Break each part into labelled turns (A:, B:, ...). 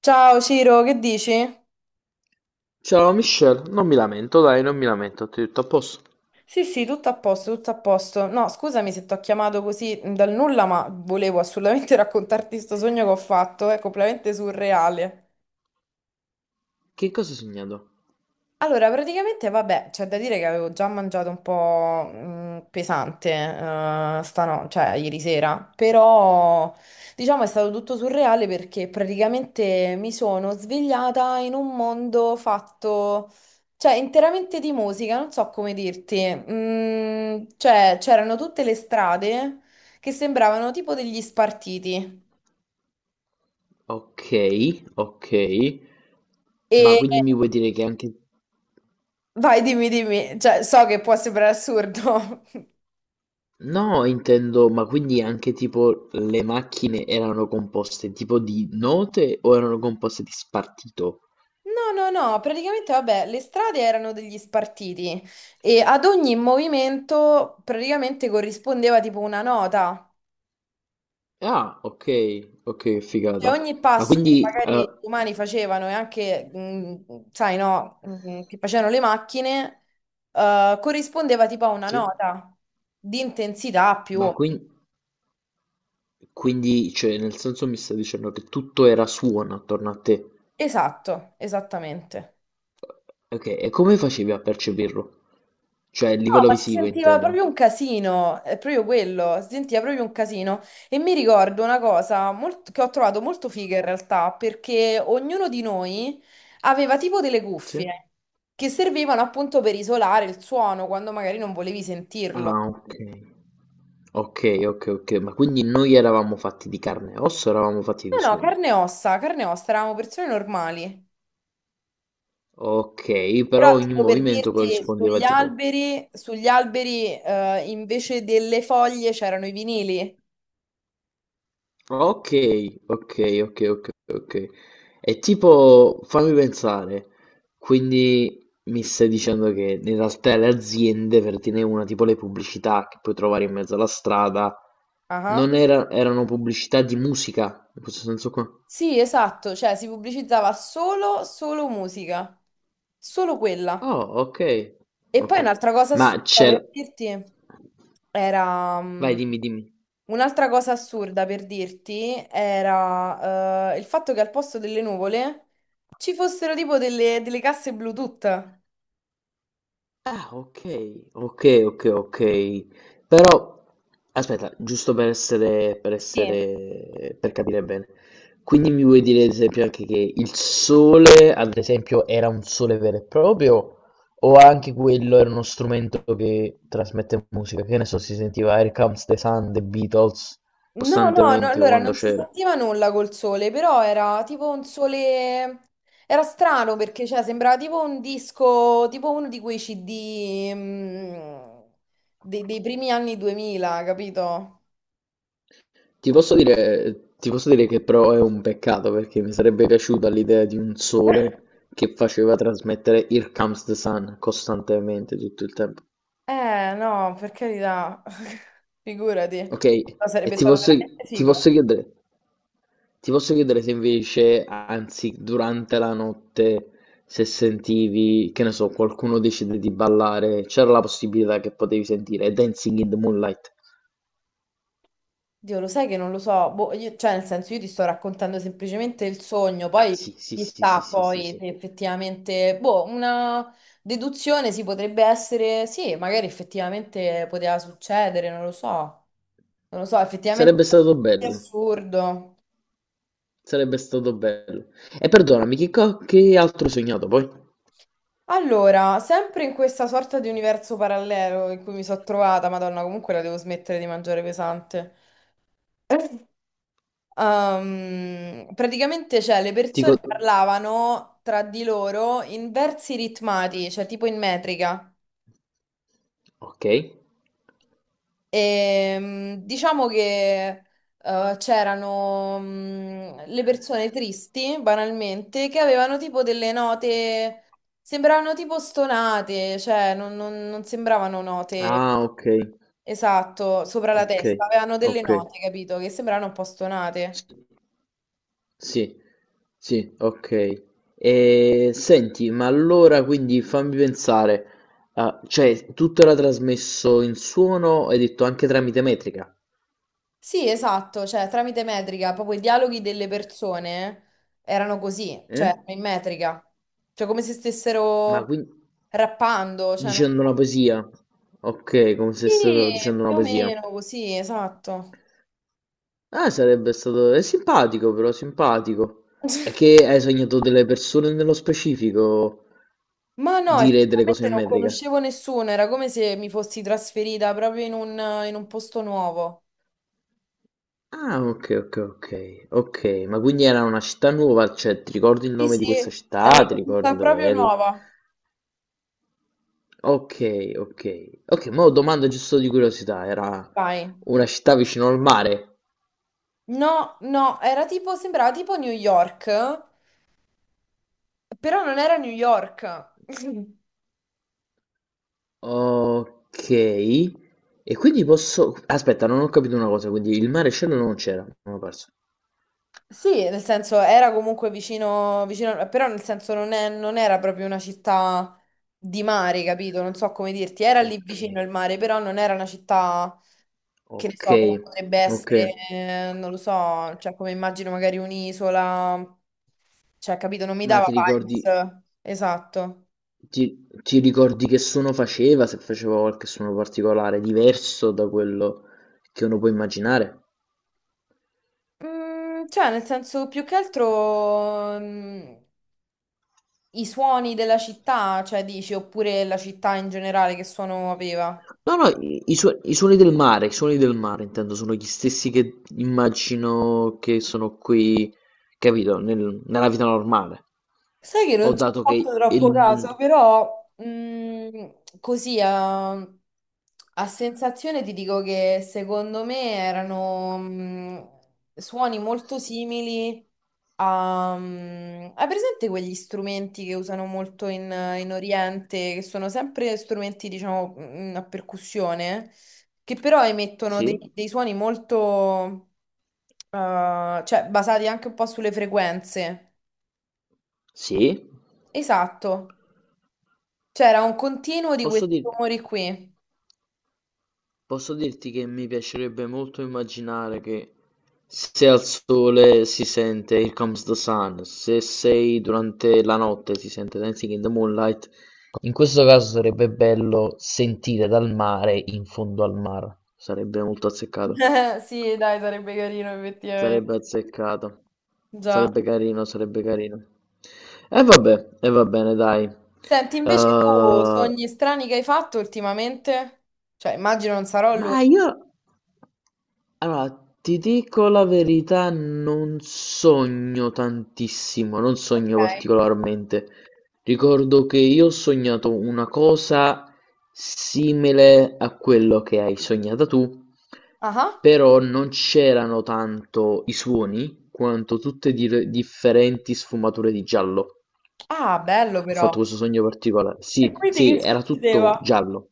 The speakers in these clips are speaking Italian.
A: Ciao Ciro, che dici?
B: Ciao Michelle, non mi lamento, dai, non mi lamento, ti ho detto a posto.
A: Sì, sì, tutto a posto, tutto a posto. No, scusami se ti ho chiamato così dal nulla, ma volevo assolutamente raccontarti sto sogno che ho fatto, è completamente surreale.
B: Che cosa hai sognato?
A: Allora, praticamente, vabbè, c'è da dire che avevo già mangiato un po' pesante, cioè ieri sera, però diciamo è stato tutto surreale perché praticamente mi sono svegliata in un mondo fatto, cioè interamente di musica, non so come dirti. Cioè c'erano tutte le strade che sembravano tipo degli spartiti
B: Ok, ok, ma
A: e
B: quindi mi vuoi dire che anche...
A: vai, dimmi, dimmi, cioè so che può sembrare assurdo.
B: No, intendo, ma quindi anche tipo le macchine erano composte tipo di note o erano composte di spartito?
A: No, no, no, praticamente vabbè, le strade erano degli spartiti e ad ogni movimento praticamente corrispondeva tipo una nota.
B: Ah, ok, ok,
A: Cioè
B: figata.
A: ogni
B: Ma
A: passo che
B: quindi...
A: magari gli umani facevano e anche, sai, no, che facevano le macchine, corrispondeva tipo a una
B: sì?
A: nota di intensità più
B: Ma
A: o
B: quin-
A: meno.
B: quindi, cioè, nel senso mi sta dicendo che tutto era suono attorno a te.
A: Esatto, esattamente.
B: Ok, e come facevi a percepirlo? Cioè, a
A: No,
B: livello
A: ma si
B: visivo
A: sentiva proprio
B: intendo.
A: un casino, è proprio quello, si sentiva proprio un casino. E mi ricordo una cosa che ho trovato molto figa in realtà, perché ognuno di noi aveva tipo delle
B: Sì?
A: cuffie che servivano appunto per isolare il suono quando magari non volevi sentirlo.
B: Ah, ok. Ok, ok, ok, ma quindi noi eravamo fatti di carne e osso, eravamo fatti di
A: No, no,
B: suono.
A: carne e ossa, eravamo persone normali.
B: Ok,
A: Però
B: però ogni
A: tipo per
B: movimento
A: dirti,
B: corrispondeva tipo...
A: sugli alberi invece delle foglie c'erano i vinili.
B: Ok, ok, ok, ok, ok. È tipo, fammi pensare, quindi mi stai dicendo che in realtà le aziende, per dire una, tipo le pubblicità che puoi trovare in mezzo alla strada,
A: Ah ah.
B: non era- erano pubblicità di musica, in questo senso qua?
A: Sì, esatto, cioè si pubblicizzava solo, solo musica, solo quella.
B: Oh, ok,
A: E poi
B: ok.
A: un'altra cosa
B: Ma
A: assurda per
B: c'era...
A: dirti era... mm,
B: Vai, dimmi, dimmi.
A: Un'altra cosa assurda per dirti era il fatto che al posto delle nuvole ci fossero tipo delle casse Bluetooth.
B: Ah, okay, okay, okay, okay. Però aspetta, giusto
A: Sì.
B: per capire bene. Quindi mi vuoi dire ad esempio anche che il sole, ad esempio, era un sole vero e proprio o anche quello era uno strumento che trasmette musica? Che ne so, si sentiva Here Comes the Sun, The Beatles
A: No, no, no,
B: costantemente
A: allora
B: quando
A: non si
B: c'era.
A: sentiva nulla col sole, però era tipo un sole. Era strano perché cioè, sembrava tipo un disco, tipo uno di quei CD dei primi anni 2000, capito?
B: Ti posso dire che però è un peccato perché mi sarebbe piaciuta l'idea di un sole che faceva trasmettere Here Comes the Sun costantemente tutto il tempo.
A: No, per carità, figurati.
B: Ok?
A: No,
B: E
A: sarebbe stato veramente
B: ti posso
A: figo.
B: chiedere, ti posso chiedere se invece, anzi, durante la notte, se sentivi, che ne so, qualcuno decide di ballare, c'era la possibilità che potevi sentire Dancing in the Moonlight.
A: Dio, lo sai che non lo so, boh, cioè nel senso io ti sto raccontando semplicemente il sogno,
B: Ah,
A: poi
B: sì, sì, sì, sì,
A: chissà
B: sì, sì,
A: poi
B: sì.
A: se effettivamente, boh, una deduzione si potrebbe essere, sì, magari effettivamente poteva succedere, non lo so, non lo so, effettivamente
B: Sarebbe stato
A: è
B: bello.
A: assurdo.
B: Sarebbe stato bello. E perdonami, che altro hai sognato poi?
A: Allora, sempre in questa sorta di universo parallelo in cui mi sono trovata, Madonna, comunque la devo smettere di mangiare pesante. Praticamente, cioè, le
B: Ti co-
A: persone parlavano tra di loro in versi ritmati, cioè tipo in metrica.
B: Ok.
A: E, diciamo che c'erano le persone tristi, banalmente, che avevano tipo delle note, sembravano tipo stonate, cioè non sembravano note.
B: Ah, ok.
A: Esatto, sopra la
B: Ok.
A: testa, avevano delle
B: Ok.
A: note, capito, che sembravano un po' stonate.
B: Sì. Sì. Sì, ok. E senti, ma allora quindi fammi pensare, ah, cioè tutto era trasmesso in suono, hai detto anche tramite metrica?
A: Sì, esatto, cioè tramite metrica, proprio i dialoghi delle persone erano così, cioè
B: Eh?
A: erano in metrica, cioè come se
B: Ma
A: stessero
B: quindi
A: rappando, cioè
B: dicendo una poesia? Ok, come se stavo
A: sì,
B: dicendo una
A: più o
B: poesia.
A: meno così, esatto.
B: Ah, sarebbe stato... È simpatico però, simpatico. È che hai sognato delle persone nello specifico
A: Ma no,
B: dire delle cose
A: effettivamente
B: in
A: non
B: metrica.
A: conoscevo nessuno, era come se mi fossi trasferita proprio in un posto nuovo.
B: Ah, ok, ok, ok. Ok, ma quindi era una città nuova, cioè ti ricordi il
A: Sì,
B: nome di questa
A: sì, era
B: città?
A: una
B: Ti ricordi
A: città
B: dove
A: proprio
B: eri?
A: nuova.
B: Ok, ok. Ok, ma domanda giusto di curiosità, era
A: Vai.
B: una città vicino al mare.
A: No, no, era tipo, sembrava tipo New York, però non era New York.
B: Ok. E quindi posso... Aspetta, non ho capito una cosa, quindi il mare e il cielo non c'era, mi ho perso.
A: Sì, nel senso era comunque vicino, vicino, però nel senso non era proprio una città di mare, capito? Non so come dirti, era lì
B: Ok.
A: vicino il mare, però non era una città che ne
B: Ok,
A: so, come potrebbe
B: ok.
A: essere, non lo so, cioè come immagino magari un'isola, cioè capito, non mi
B: Ma
A: dava
B: ti ricordi,
A: vibes, esatto.
B: ti, ti ricordi che suono faceva? Se faceva qualche suono particolare, diverso da quello che uno può immaginare?
A: Cioè nel senso più che altro i suoni della città, cioè dici, oppure la città in generale che suono aveva.
B: No, no, i suoni del mare, i suoni del mare, intendo, sono gli stessi che immagino che sono qui, capito, nella vita normale.
A: Sai che
B: Ho
A: non ci ho
B: dato
A: fatto
B: che il
A: troppo caso,
B: mondo...
A: però così a sensazione ti dico che secondo me erano suoni molto simili hai presente quegli strumenti che usano molto in Oriente, che sono sempre strumenti, diciamo, a percussione, che però emettono
B: Sì?
A: dei suoni molto, cioè basati anche un po' sulle frequenze.
B: Sì?
A: Esatto. C'era un continuo di
B: Posso
A: questi
B: dire...
A: rumori qui.
B: Posso dirti che mi piacerebbe molto immaginare che se al sole si sente Here Comes the Sun, se sei durante la notte si sente Dancing in the Moonlight. In questo caso sarebbe bello sentire dal mare in fondo al mare. Sarebbe molto azzeccato.
A: Sì, dai, sarebbe carino effettivamente.
B: Sarebbe azzeccato.
A: Già.
B: Sarebbe carino, sarebbe carino. E vabbè, e va bene, dai.
A: Senti, invece tu,
B: Eh,
A: sogni strani che hai fatto ultimamente? Cioè, immagino non sarò
B: Ma
A: l'unico,
B: io, allora, ti dico la verità, non sogno tantissimo, non
A: ok?
B: sogno particolarmente. Ricordo che io ho sognato una cosa simile a quello che hai sognato tu,
A: Ah, ah.
B: però non c'erano tanto i suoni quanto differenti sfumature di giallo.
A: Ah, bello
B: Ho
A: però.
B: fatto questo sogno particolare.
A: E
B: Sì,
A: quindi
B: sì,
A: che
B: era tutto
A: succedeva?
B: giallo.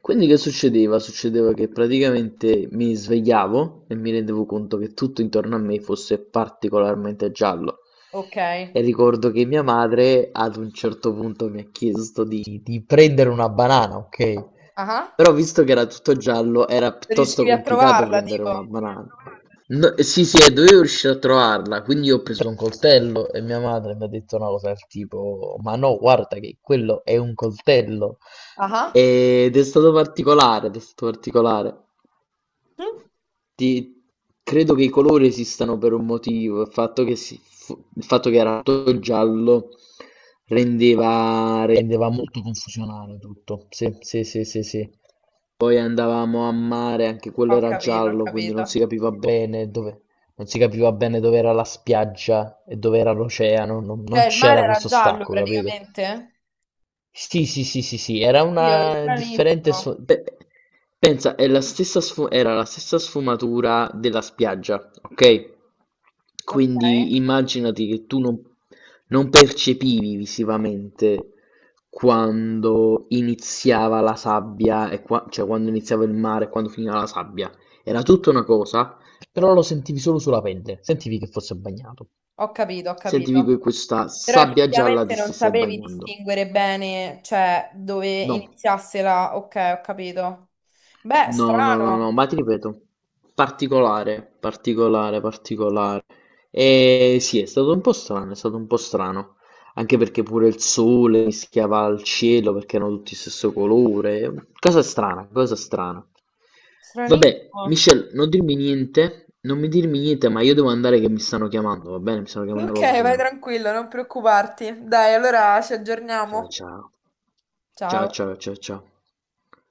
B: Quindi che succedeva? Succedeva che praticamente mi svegliavo e mi rendevo conto che tutto intorno a me fosse particolarmente giallo.
A: Ok.
B: E ricordo che mia madre ad un certo punto mi ha chiesto di prendere una banana, ok?
A: Ah,
B: Però visto che era tutto giallo era piuttosto
A: riuscivi a
B: complicato
A: trovarla,
B: prendere una
A: tipo?
B: banana. No, sì, sì, e dovevo riuscire a trovarla, quindi io ho preso un coltello e mia madre mi ha detto una cosa del tipo, ma no, guarda che quello è un coltello.
A: Ah.
B: Ed è stato particolare, ed è stato particolare.
A: Mm?
B: Ti credo che i colori esistano per un motivo, il fatto che si fu il fatto che era tutto giallo rendeva molto confusionario tutto. Sì, sì, sì, sì, sì. Poi andavamo a mare, anche quello
A: Ho
B: era
A: capito, ho
B: giallo, quindi non
A: capito.
B: si capiva bene dove, non si capiva bene dove era la spiaggia e dove era l'oceano, non
A: Cioè, il mare
B: c'era
A: era
B: questo
A: giallo
B: stacco, capito?
A: praticamente?
B: Sì, sì, sì, sì, sì, era
A: Oddio, che
B: una
A: stranissimo.
B: pensa, è la era la stessa sfumatura della spiaggia, ok?
A: Ok,
B: Quindi immaginati che tu non, non percepivi visivamente quando iniziava la sabbia, e cioè quando iniziava il mare e quando finiva la sabbia. Era tutta una cosa, però lo sentivi solo sulla pelle, sentivi che fosse bagnato,
A: ho capito, ho
B: sentivi che
A: capito.
B: questa
A: Però
B: sabbia gialla
A: effettivamente
B: ti
A: non
B: stesse
A: sapevi
B: bagnando.
A: distinguere bene, cioè, dove
B: No.
A: iniziasse la. Ok, ho capito. Beh,
B: No, no, no, no,
A: strano,
B: ma ti ripeto, particolare, particolare, particolare. E sì, è stato un po' strano, è stato un po' strano, anche perché pure il sole mischiava al cielo perché erano tutti stesso colore. Cosa strana, cosa strana. Vabbè,
A: stranissimo.
B: Michelle, non dirmi niente, non mi dirmi niente, ma io devo andare che mi stanno chiamando, va bene? Mi stanno chiamando
A: Ok,
B: alla
A: vai
B: cucina.
A: tranquillo, non preoccuparti. Dai, allora ci
B: Ciao,
A: aggiorniamo.
B: ciao. Ciao,
A: Ciao.
B: ciao, ciao, ciao.